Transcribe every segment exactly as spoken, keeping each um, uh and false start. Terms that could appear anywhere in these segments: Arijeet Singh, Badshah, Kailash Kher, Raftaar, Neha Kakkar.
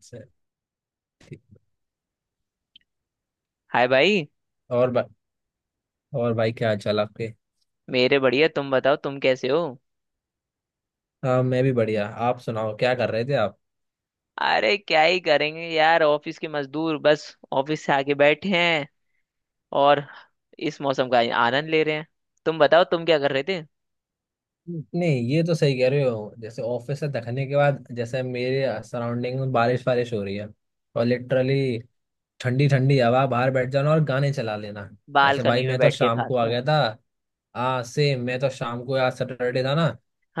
से ठीक। हाय भाई। और बा, और भाई क्या हाल चाल आपके। मेरे बढ़िया, तुम बताओ तुम कैसे हो। हाँ मैं भी बढ़िया, आप सुनाओ क्या कर रहे थे आप। अरे क्या ही करेंगे यार, ऑफिस के मजदूर बस ऑफिस से आके बैठे हैं और इस मौसम का आनंद ले रहे हैं। तुम बताओ तुम क्या कर रहे थे। नहीं ये तो सही कह रहे हो, जैसे ऑफिस से थकने के बाद जैसे मेरे सराउंडिंग में बारिश बारिश हो रही है और लिटरली ठंडी ठंडी हवा बाहर बैठ जाना और गाने चला लेना। जैसे भाई बालकनी में मैं तो बैठ के शाम को आ खासकर। गया था। हाँ सेम, मैं तो शाम को, आज सैटरडे था ना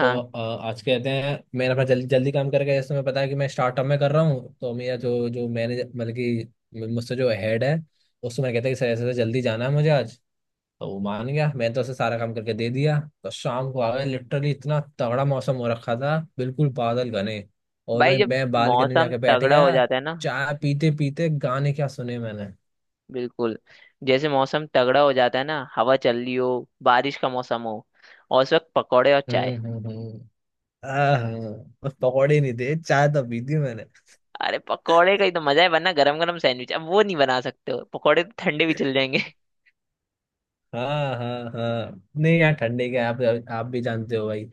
तो अ, आज कहते हैं, मैं अपना जल्दी जल्दी काम करके, जैसे तुम्हें पता है कि मैं स्टार्टअप में कर रहा हूँ तो मेरा जो जो मैनेजर मतलब कि मुझसे जो हेड है, उससे मैं कहता है कि सर ऐसे ऐसे जल्दी जाना है मुझे आज। तो वो मान गया, मैंने तो उसे सारा काम करके दे दिया, तो शाम को आ गए। लिटरली इतना तगड़ा मौसम हो रखा था, बिल्कुल बादल घने, और भाई, मैं जब मैं बालकनी में मौसम जाके बैठ तगड़ा हो गया। जाता है ना। चाय पीते पीते गाने क्या सुने मैंने। बिल्कुल। जैसे मौसम तगड़ा हो जाता है ना, हवा चल रही हो, बारिश का मौसम हो और उस वक्त पकौड़े और हम्म चाय। हम्म हम्म। आह, बस पकौड़े नहीं थे, चाय तो पी थी मैंने। अरे पकौड़े का ही तो मजा है, वरना गरम गरम सैंडविच अब वो नहीं बना सकते हो, पकौड़े तो ठंडे भी चल जाएंगे। हाँ हाँ हाँ, नहीं यार ठंडे के आप आप भी जानते हो भाई,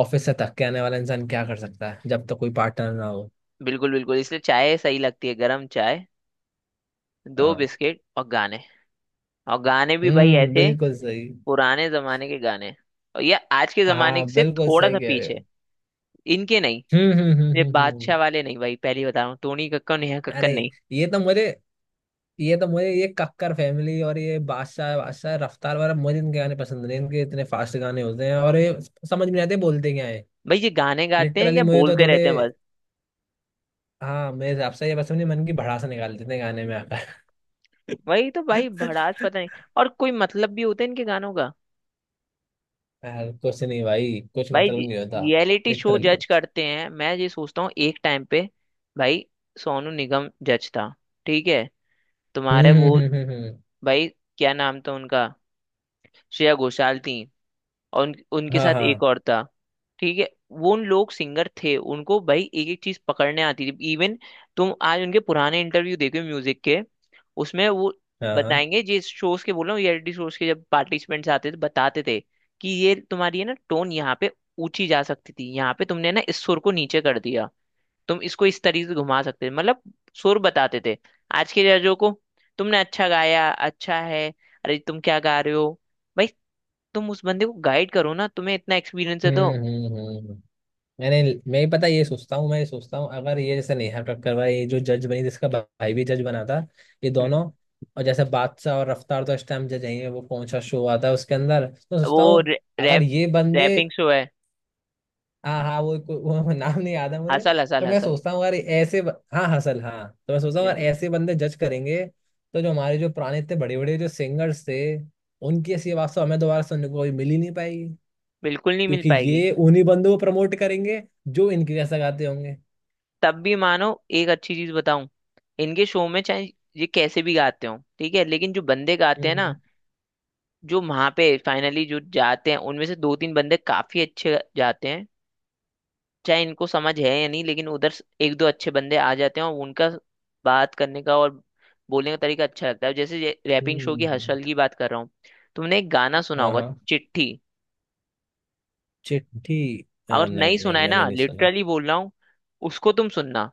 ऑफिस से थक के आने वाला इंसान क्या कर सकता है जब तक कोई पार्टनर ना हो। बिल्कुल बिल्कुल इसलिए चाय सही लगती है, गरम चाय, दो हाँ। बिस्किट और गाने। और गाने भी भाई हम्म, ऐसे बिल्कुल सही। पुराने जमाने के गाने, और ये आज के जमाने हाँ से बिल्कुल थोड़ा सही सा कह रहे पीछे, हो। इनके नहीं। हम्म हम्म हम्म ये हम्म हम्म। बादशाह वाले नहीं भाई, पहली बता रहा हूँ, टोनी कक्कर नेहा कक्कर अरे! नहीं। ये तो मुझे, ये तो मुझे ये कक्कर फैमिली और ये बादशाह बादशाह रफ्तार वाला, मुझे इनके गाने पसंद नहीं। इनके इतने फास्ट गाने होते हैं और ये समझ में नहीं आते, बोलते क्या है। भाई ये गाने गाते हैं लिटरली या मुझे तो बोलते थोड़े, रहते हैं बस। हाँ मेरे हिसाब से ये बस अपने मन की भड़ास निकाल देते हैं गाने में आकर। वही तो भाई, भड़ास पता नहीं, और कोई मतलब भी होता है इनके गानों का। यार कुछ नहीं भाई, कुछ भाई मतलब नहीं होता। रियलिटी शो लिटरली जज कुछ। करते हैं, मैं ये सोचता हूँ एक टाइम पे। भाई सोनू निगम जज था, ठीक है, तुम्हारे हम्म हम्म वो, हम्म हम्म हम्म। भाई क्या नाम था उनका, श्रेया घोषाल थी और उन, उनके हाँ साथ हाँ एक और था। ठीक है, वो उन लोग सिंगर थे, उनको भाई एक एक चीज पकड़ने आती थी इवन। तुम आज उनके पुराने इंटरव्यू देखो म्यूजिक के, उसमें वो हाँ हाँ। बताएंगे। जिस शोज के बोल रहा हूँ, रियलिटी शोज के जब पार्टिसिपेंट्स आते थे बताते थे कि ये तुम्हारी है ना टोन, यहाँ पे ऊंची जा सकती थी, यहाँ पे तुमने ना इस सुर को नीचे कर दिया, तुम इसको इस तरीके से घुमा सकते थे। मतलब सुर बताते थे। आज के जजों को, तुमने अच्छा गाया अच्छा है, अरे तुम क्या गा रहे हो। भाई तुम उस बंदे को गाइड करो ना, तुम्हें इतना एक्सपीरियंस है तो। हम्म हम्म हम्म हम्म। मैंने मैं ही पता ये सोचता हूँ मैं ये सोचता हूँ, अगर ये जैसे नेहा कक्कर, भाई ये जो जज बनी जिसका भाई भी जज बना था, ये हम्म, दोनों, और जैसे बादशाह और रफ्तार तो इस टाइम जज हैं, वो कौन सा शो आता है उसके अंदर, तो सोचता वो हूँ रै, अगर रैप ये बंदे। रैपिंग शो है। हाँ हाँ, वो, वो, वो नाम नहीं याद है मुझे। हसल हसल तो मैं हसल सोचता हूँ अगर ये ऐसे ब- हाँ हसल हाँ, तो मैं सोचता हूँ अगर बिल्कुल ऐसे बंदे जज करेंगे तो जो हमारे जो पुराने इतने बड़े बड़े जो सिंगर्स थे, उनकी ऐसी आवाज तो हमें दोबारा सुनने को कभी मिल ही नहीं पाएगी। बिल्कुल नहीं मिल क्योंकि पाएगी। ये उन्हीं बंदों को प्रमोट करेंगे जो इनके जैसा गाते होंगे। तब भी मानो एक अच्छी चीज बताऊं, इनके शो में चाहे ये कैसे भी गाते हो ठीक है, लेकिन जो बंदे गाते हम्म हैं ना, हम्म, जो वहां पे फाइनली जो जाते हैं उनमें से दो तीन बंदे काफी अच्छे जाते हैं। चाहे इनको समझ है या नहीं लेकिन उधर से एक दो अच्छे बंदे आ जाते हैं, और उनका बात करने का और बोलने का तरीका अच्छा लगता है। जैसे रैपिंग शो हम्म। की हम्म। हर्षल की बात कर रहा हूँ। तुमने एक गाना सुना हाँ होगा, हाँ। चिट्ठी। चिट्ठी। अ, अगर नहीं नहीं नहीं सुना है मैंने ना, नहीं सुना। लिटरली बोल रहा हूँ, उसको तुम सुनना,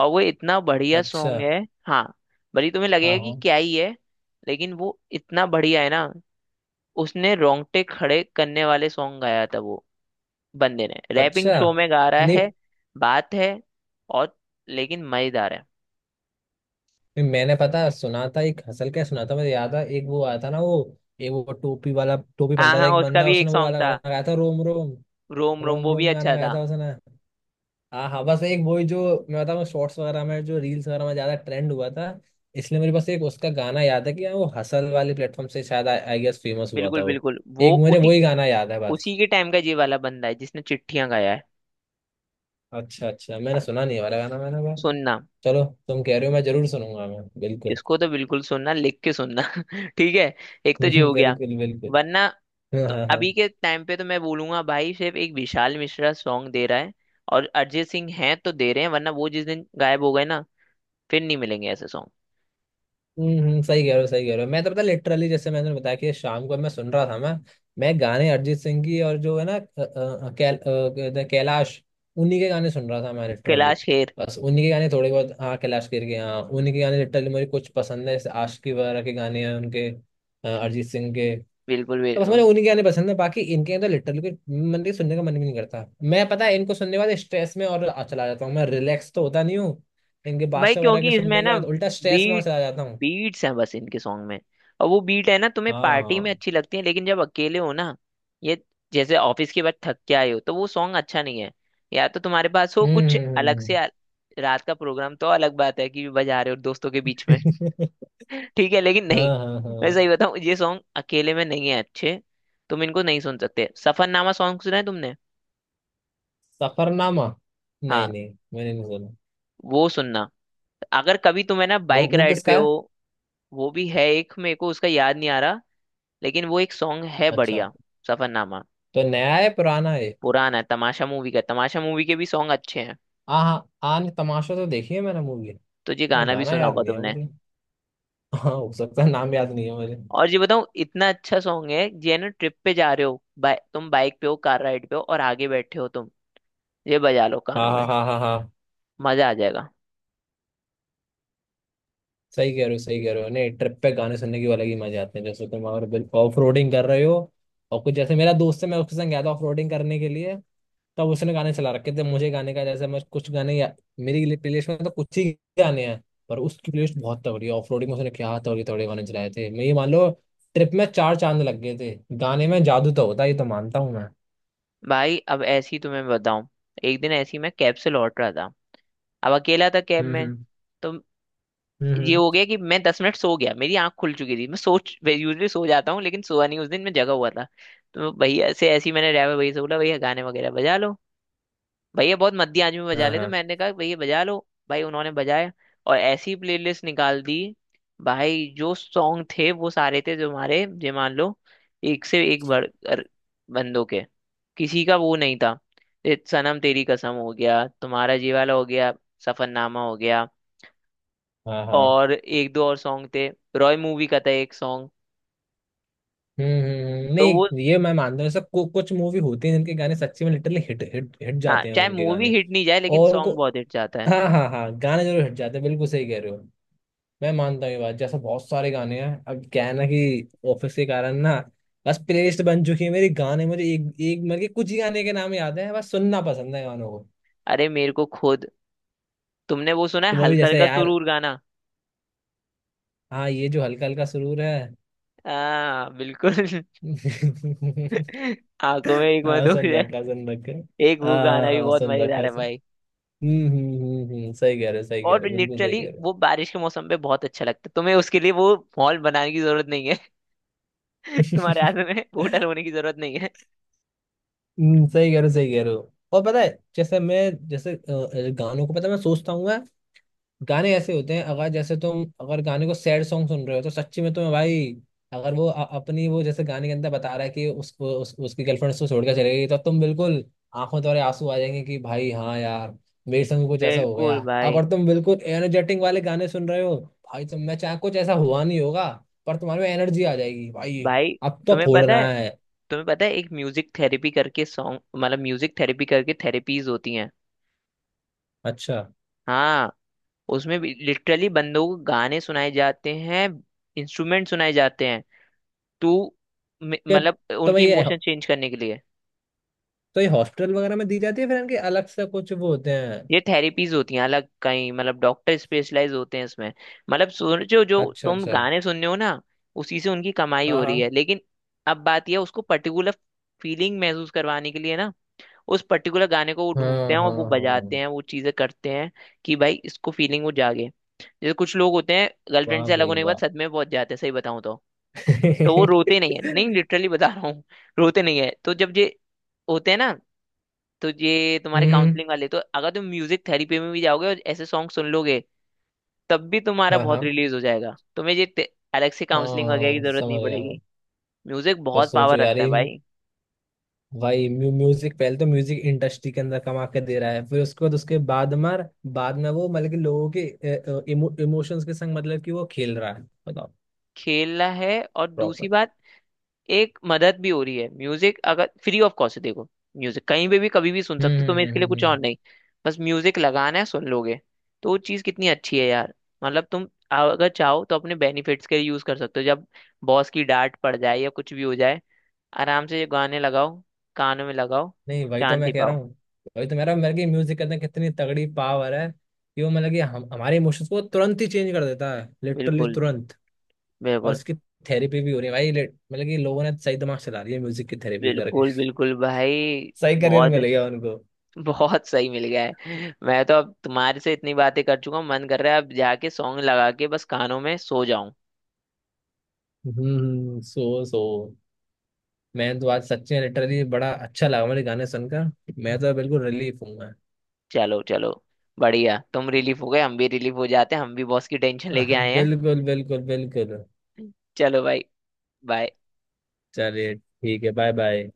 और वो इतना बढ़िया अच्छा। सॉन्ग है। हाँ, भले ही तुम्हें हाँ लगेगा कि हाँ। क्या ही है लेकिन वो इतना बढ़िया है ना। उसने रोंगटे खड़े करने वाले सॉन्ग गाया था वो बंदे ने, रैपिंग अच्छा। शो में गा रहा नहीं, है। बात है, और लेकिन मजेदार है। मैंने पता सुना था एक हसल, क्या सुना था, मुझे याद है, एक वो आया था ना, वो एक वो टोपी वाला, टोपी हाँ पहनता था हाँ, एक उसका बंदा, भी एक उसने वो सॉन्ग वाला गाना था, गाया था, रोम रोम। रोम रोम, रोम वो भी रोम गाना अच्छा गाया था। था उसने। हाँ हाँ, बस एक वही जो, मैं बताऊँ शॉर्ट्स वगैरह में, जो रील्स वगैरह में ज्यादा ट्रेंड हुआ था, इसलिए मेरे पास एक उसका गाना याद है कि, हाँ वो हसल वाले प्लेटफॉर्म से शायद आई गेस फेमस हुआ बिल्कुल था वो। बिल्कुल वो एक मुझे उसी वही गाना याद है बस। उसी के टाइम का ये वाला बंदा है जिसने चिट्ठियां गाया है। अच्छा अच्छा, मैंने सुना नहीं है वाला गाना, मैंने कहा सुनना, चलो तुम कह रहे हो मैं जरूर सुनूंगा मैं बिल्कुल। इसको तो बिल्कुल सुनना, लिख के सुनना। ठीक है, एक तो ये हो गया बिल्कुल बिल्कुल। वरना। हाँ तो हाँ हाँ। अभी के टाइम पे तो मैं बोलूंगा भाई, सिर्फ एक विशाल मिश्रा सॉन्ग दे रहा है, और अरिजीत सिंह है तो दे रहे हैं, वरना वो जिस दिन गायब हो गए ना, फिर नहीं मिलेंगे ऐसे सॉन्ग। हम्म हम्म, सही कह रहे हो सही कह रहे हो। मैं तो पता लिटरली, जैसे मैंने बताया कि शाम को मैं सुन रहा था मैं मैं गाने अरिजीत सिंह की, और जो है ना अ, अ, कैल, अ, कहते हैं कैलाश, उन्हीं के गाने सुन रहा था मैं लिटरली। कैलाश खेर। बस उन्हीं के गाने थोड़े बहुत, हाँ कैलाश खेर के, हाँ उन्हीं के गाने लिटरली मुझे कुछ पसंद है, जैसे आशिकी वगैरह के गाने हैं उनके, अ, अरिजीत सिंह के। तो बिल्कुल बस बिल्कुल मुझे उन्हीं के गाने पसंद है, बाकी इनके तो लिटरली कोई मन के सुनने का मन भी नहीं करता। मैं पता है इनको सुनने के बाद स्ट्रेस में और आ- चला जाता हूँ, मैं रिलैक्स तो होता नहीं हूँ। इनके भाई, बादशाह वगैरह के क्योंकि इसमें सुनने के ना बाद उल्टा स्ट्रेस में और बीट चला जाता हूँ। बीट्स हैं बस इनके सॉन्ग में। और वो बीट है ना, तुम्हें पार्टी हाँ। में अच्छी लगती है लेकिन जब अकेले हो ना, ये जैसे ऑफिस के बाद थक के आए हो तो वो सॉन्ग अच्छा नहीं है। या तो तुम्हारे पास हो कुछ अलग से हम्म। आ- रात का प्रोग्राम तो अलग बात है कि बजा रहे हो दोस्तों के बीच में। ठीक है लेकिन नहीं, हाँ हाँ मैं हाँ। सही बताऊं ये सॉन्ग अकेले में नहीं है अच्छे, तुम इनको नहीं सुन सकते। सफरनामा सॉन्ग सुना है तुमने। सफरनामा? नहीं हाँ, नहीं मैंने नहीं सुना। वो सुनना अगर कभी तुम्हें ना वो बाइक वो राइड किसका पे हो। है? वो भी है एक, मेरे को उसका याद नहीं आ रहा लेकिन वो एक सॉन्ग है अच्छा, बढ़िया, सफरनामा। तो नया है पुराना है? पुराना है तमाशा मूवी का, तमाशा मूवी के भी सॉन्ग अच्छे हैं। हाँ हाँ, आन तमाशा तो देखी है मैंने मूवी। तो ये गाना भी गाना सुना याद होगा नहीं है तुमने। मुझे। हाँ हो सकता है, नाम याद नहीं है मुझे। और ये बताऊं, इतना अच्छा सॉन्ग है ये ना, ट्रिप पे जा रहे हो, बाइ तुम बाइक पे हो, कार राइड पे हो और आगे बैठे हो तुम, ये बजा लो हाँ कानों हाँ में, हाँ हाँ, मजा आ जाएगा। सही कह रहे हो सही कह रहे हो। नहीं, ट्रिप पे गाने सुनने की अलग ही मजे आते हैं, जैसे तुम अगर ऑफ रोडिंग कर रहे हो और कुछ, जैसे मेरा दोस्त है मैं उसके संग गया था ऑफ रोडिंग करने के लिए, तब उसने गाने चला रखे थे। मुझे गाने का जैसे मैं, कुछ गाने या, मेरी प्लेलिस्ट में तो कुछ ही गाने हैं, पर उसकी प्लेलिस्ट बहुत तगड़ी है। ऑफ रोडिंग में उसने क्या तगड़े तगड़े गाने चलाए थे, मैं ये मान लो ट्रिप में चार चांद लग गए थे। गाने में जादू तो होता है, ये तो मानता हूँ मैं। भाई अब ऐसी तुम्हें बताऊं, एक दिन ऐसी मैं कैब से लौट रहा था, अब अकेला था कैब हम्म में। हम्म तो हम्म ये हम्म। हो गया कि मैं दस मिनट सो गया, मेरी आंख खुल चुकी थी, मैं सोच यूजली सो जाता हूँ लेकिन सोया नहीं उस दिन, मैं जगा हुआ था। तो भैया से ऐसे ही मैंने ड्राइवर भैया से बोला, भैया गाने वगैरह बजा लो। भैया बहुत मध्य आदमी, में बजा हाँ ले, तो हाँ मैंने कहा भैया बजा लो। भाई उन्होंने बजाया और ऐसी प्लेलिस्ट निकाल दी। भाई जो सॉन्ग थे वो सारे थे, जो हमारे जो मान लो एक से एक बढ़ कर बंदों के, किसी का वो नहीं था। ये सनम तेरी कसम हो गया, तुम्हारा जी वाला हो गया, सफरनामा हो गया, हाँ हाँ। और एक दो और सॉन्ग थे। रॉय मूवी का था एक सॉन्ग। हम्म हम्म, हम्म। तो वो, नहीं ये मैं मानता हूँ, सब कुछ मूवी होती है जिनके गाने सच्ची में लिटरली हिट हिट हिट हाँ जाते हैं, चाहे उनके मूवी गाने हिट नहीं जाए लेकिन और उनको, सॉन्ग बहुत हिट जाता है। हाँ हाँ हाँ गाने जरूर हिट जाते हैं। बिल्कुल सही कह रहे हो, मैं मानता हूँ ये बात, जैसे बहुत सारे गाने हैं। अब क्या है ना कि ऑफिस के कारण ना बस प्लेलिस्ट बन चुकी है मेरी, गाने मुझे एक एक मतलब कि कुछ ही गाने के नाम याद हैं, बस सुनना पसंद है गानों को। अरे मेरे को खुद, तुमने वो सुना है तो मैं भी हल्का जैसे हल्का यार, सुरूर गाना। हाँ ये जो हल्का हल्का सुरूर है। आ बिल्कुल। आंखों में एक हाँ, मधुर सुन है, रखा सुन रखा। एक वो हाँ हाँ गाना भी हाँ, बहुत सुन रखा। मजेदार है भाई। हम्म हम्म हम्म हम्म, सही कह रहे हो सही कह रहे और हो बिल्कुल सही लिटरली कह रहे हो। वो बारिश के मौसम पे बहुत अच्छा लगता है, तुम्हें उसके लिए वो मॉल बनाने की जरूरत नहीं है। तुम्हारे हाथ में होटल होने की जरूरत नहीं है। हम्म, सही कह रहे हो सही कह रहे हो। और पता है, जैसे मैं जैसे अ, गानों को पता है मैं सोचता हूँ, गाने ऐसे होते हैं अगर, जैसे तुम अगर गाने को सैड सॉन्ग सुन रहे हो, तो सच्ची में तुम्हें भाई, अगर वो अ- अपनी वो जैसे गाने के अंदर बता रहा है कि उस, उस उसकी गर्लफ्रेंड उसको छोड़कर चले गई, तो तुम बिल्कुल आंखों द्वारा आंसू आ जाएंगे, कि भाई हाँ यार, मेरे संग भी कुछ ऐसा हो गया। बिल्कुल भाई। अगर तुम बिल्कुल एनर्जेटिक वाले गाने सुन रहे हो भाई, तुम मैं चाहे कुछ ऐसा हुआ नहीं होगा, पर तुम्हारे में एनर्जी आ जाएगी भाई, भाई अब तो तुम्हें पता फोड़ना है, है। तुम्हें पता है एक म्यूजिक थेरेपी करके सॉन्ग, मतलब म्यूजिक थेरेपी करके थेरेपीज होती हैं। अच्छा। हाँ, उसमें भी लिटरली बंदों को गाने सुनाए जाते हैं, इंस्ट्रूमेंट सुनाए जाते हैं। तो मे- क्या? मतलब तो भाई उनके ये, इमोशन चेंज करने के लिए। तो ये हॉस्टल वगैरह में दी जाती है, फिर इनके अलग से कुछ वो होते हैं? ये थेरेपीज होती हैं अलग कहीं, मतलब डॉक्टर स्पेशलाइज होते हैं इसमें। मतलब सोचो जो अच्छा तुम अच्छा। गाने सुन रहे हो ना, उसी से उनकी कमाई हाँ। हो रही हाँ है लेकिन अब बात यह, उसको पर्टिकुलर फीलिंग महसूस करवाने के लिए ना, उस पर्टिकुलर गाने को वो ढूंढते हाँ हैं और हाँ वो हाँ बजाते हाँ। हैं, वो चीजें करते हैं कि भाई इसको फीलिंग वो जागे। जैसे कुछ लोग होते हैं गर्लफ्रेंड वाह से अलग भाई होने के बाद वाह। सदमे में पहुंच जाते हैं, सही बताऊं तो तो वो रोते नहीं है, नहीं लिटरली बता रहा हूँ। रोते नहीं है, तो जब ये होते हैं ना, तो ये तुम्हारे हम्म। काउंसलिंग वाले, तो अगर तुम म्यूजिक थेरेपी में भी जाओगे और ऐसे सॉन्ग सुन लोगे, तब भी तुम्हारा हाँ बहुत हाँ। रिलीज हो जाएगा, तुम्हें ये ते- अलग से आ, काउंसलिंग वगैरह की जरूरत नहीं समझ गया मैं। पड़ेगी। म्यूजिक तो बहुत सोचो पावर यार रखता है ये, भाई। भाई म्यू, म्यूजिक पहले तो म्यूजिक इंडस्ट्री के अंदर कमा के दे रहा है, फिर उसके बाद उसके बाद मार बाद में वो, मतलब कि लोगों के इमो, इमोशंस के संग मतलब कि वो खेल रहा है, बताओ। खेलना है, और दूसरी प्रॉपर। बात, एक मदद भी हो रही है, म्यूजिक अगर फ्री ऑफ कॉस्ट है, देखो म्यूजिक कहीं पे भी कभी भी सुन हम्म सकते हो, तुम्हें हम्म इसके हम्म लिए कुछ हम्म, और हम्म। नहीं, बस म्यूजिक लगाना है, सुन लोगे तो वो चीज़ कितनी अच्छी है यार। मतलब तुम अगर चाहो तो अपने बेनिफिट्स के लिए यूज कर सकते हो। जब बॉस की डांट पड़ जाए या कुछ भी हो जाए, आराम से ये गाने लगाओ, कानों में लगाओ, नहीं वही तो मैं शांति कह रहा पाओ। हूँ, वही तो मेरा मेरे की म्यूजिक के अंदर कितनी तगड़ी पावर है, कि वो मतलब कि हम हमारे इमोशंस को तुरंत ही चेंज कर देता है, लिटरली बिल्कुल तुरंत। और बिल्कुल। इसकी थेरेपी भी हो रही है भाई, लेट मतलब कि लोगों ने सही दिमाग चला रही है, म्यूजिक की थेरेपी करके। बिल्कुल बिल्कुल भाई। सही करियर बहुत मिल गया उनको। बहुत सही मिल गया है। मैं तो अब तुम्हारे से इतनी बातें कर चुका हूँ, मन कर रहा है अब जाके सॉन्ग लगा के बस कानों में सो जाऊं। हम्म, सो सो। मैं तो आज सच्ची में लिटरली बड़ा अच्छा लगा मुझे गाने सुनकर, मैं तो बिल्कुल रिलीफ हूँ मैं। चलो चलो, बढ़िया तुम रिलीफ हो गए, हम भी रिलीफ हो जाते हैं, हम भी बॉस की टेंशन लेके आए हैं। बिल्कुल बिल्कुल बिल्कुल। चलो भाई, बाय। चलिए ठीक है, बाय बाय।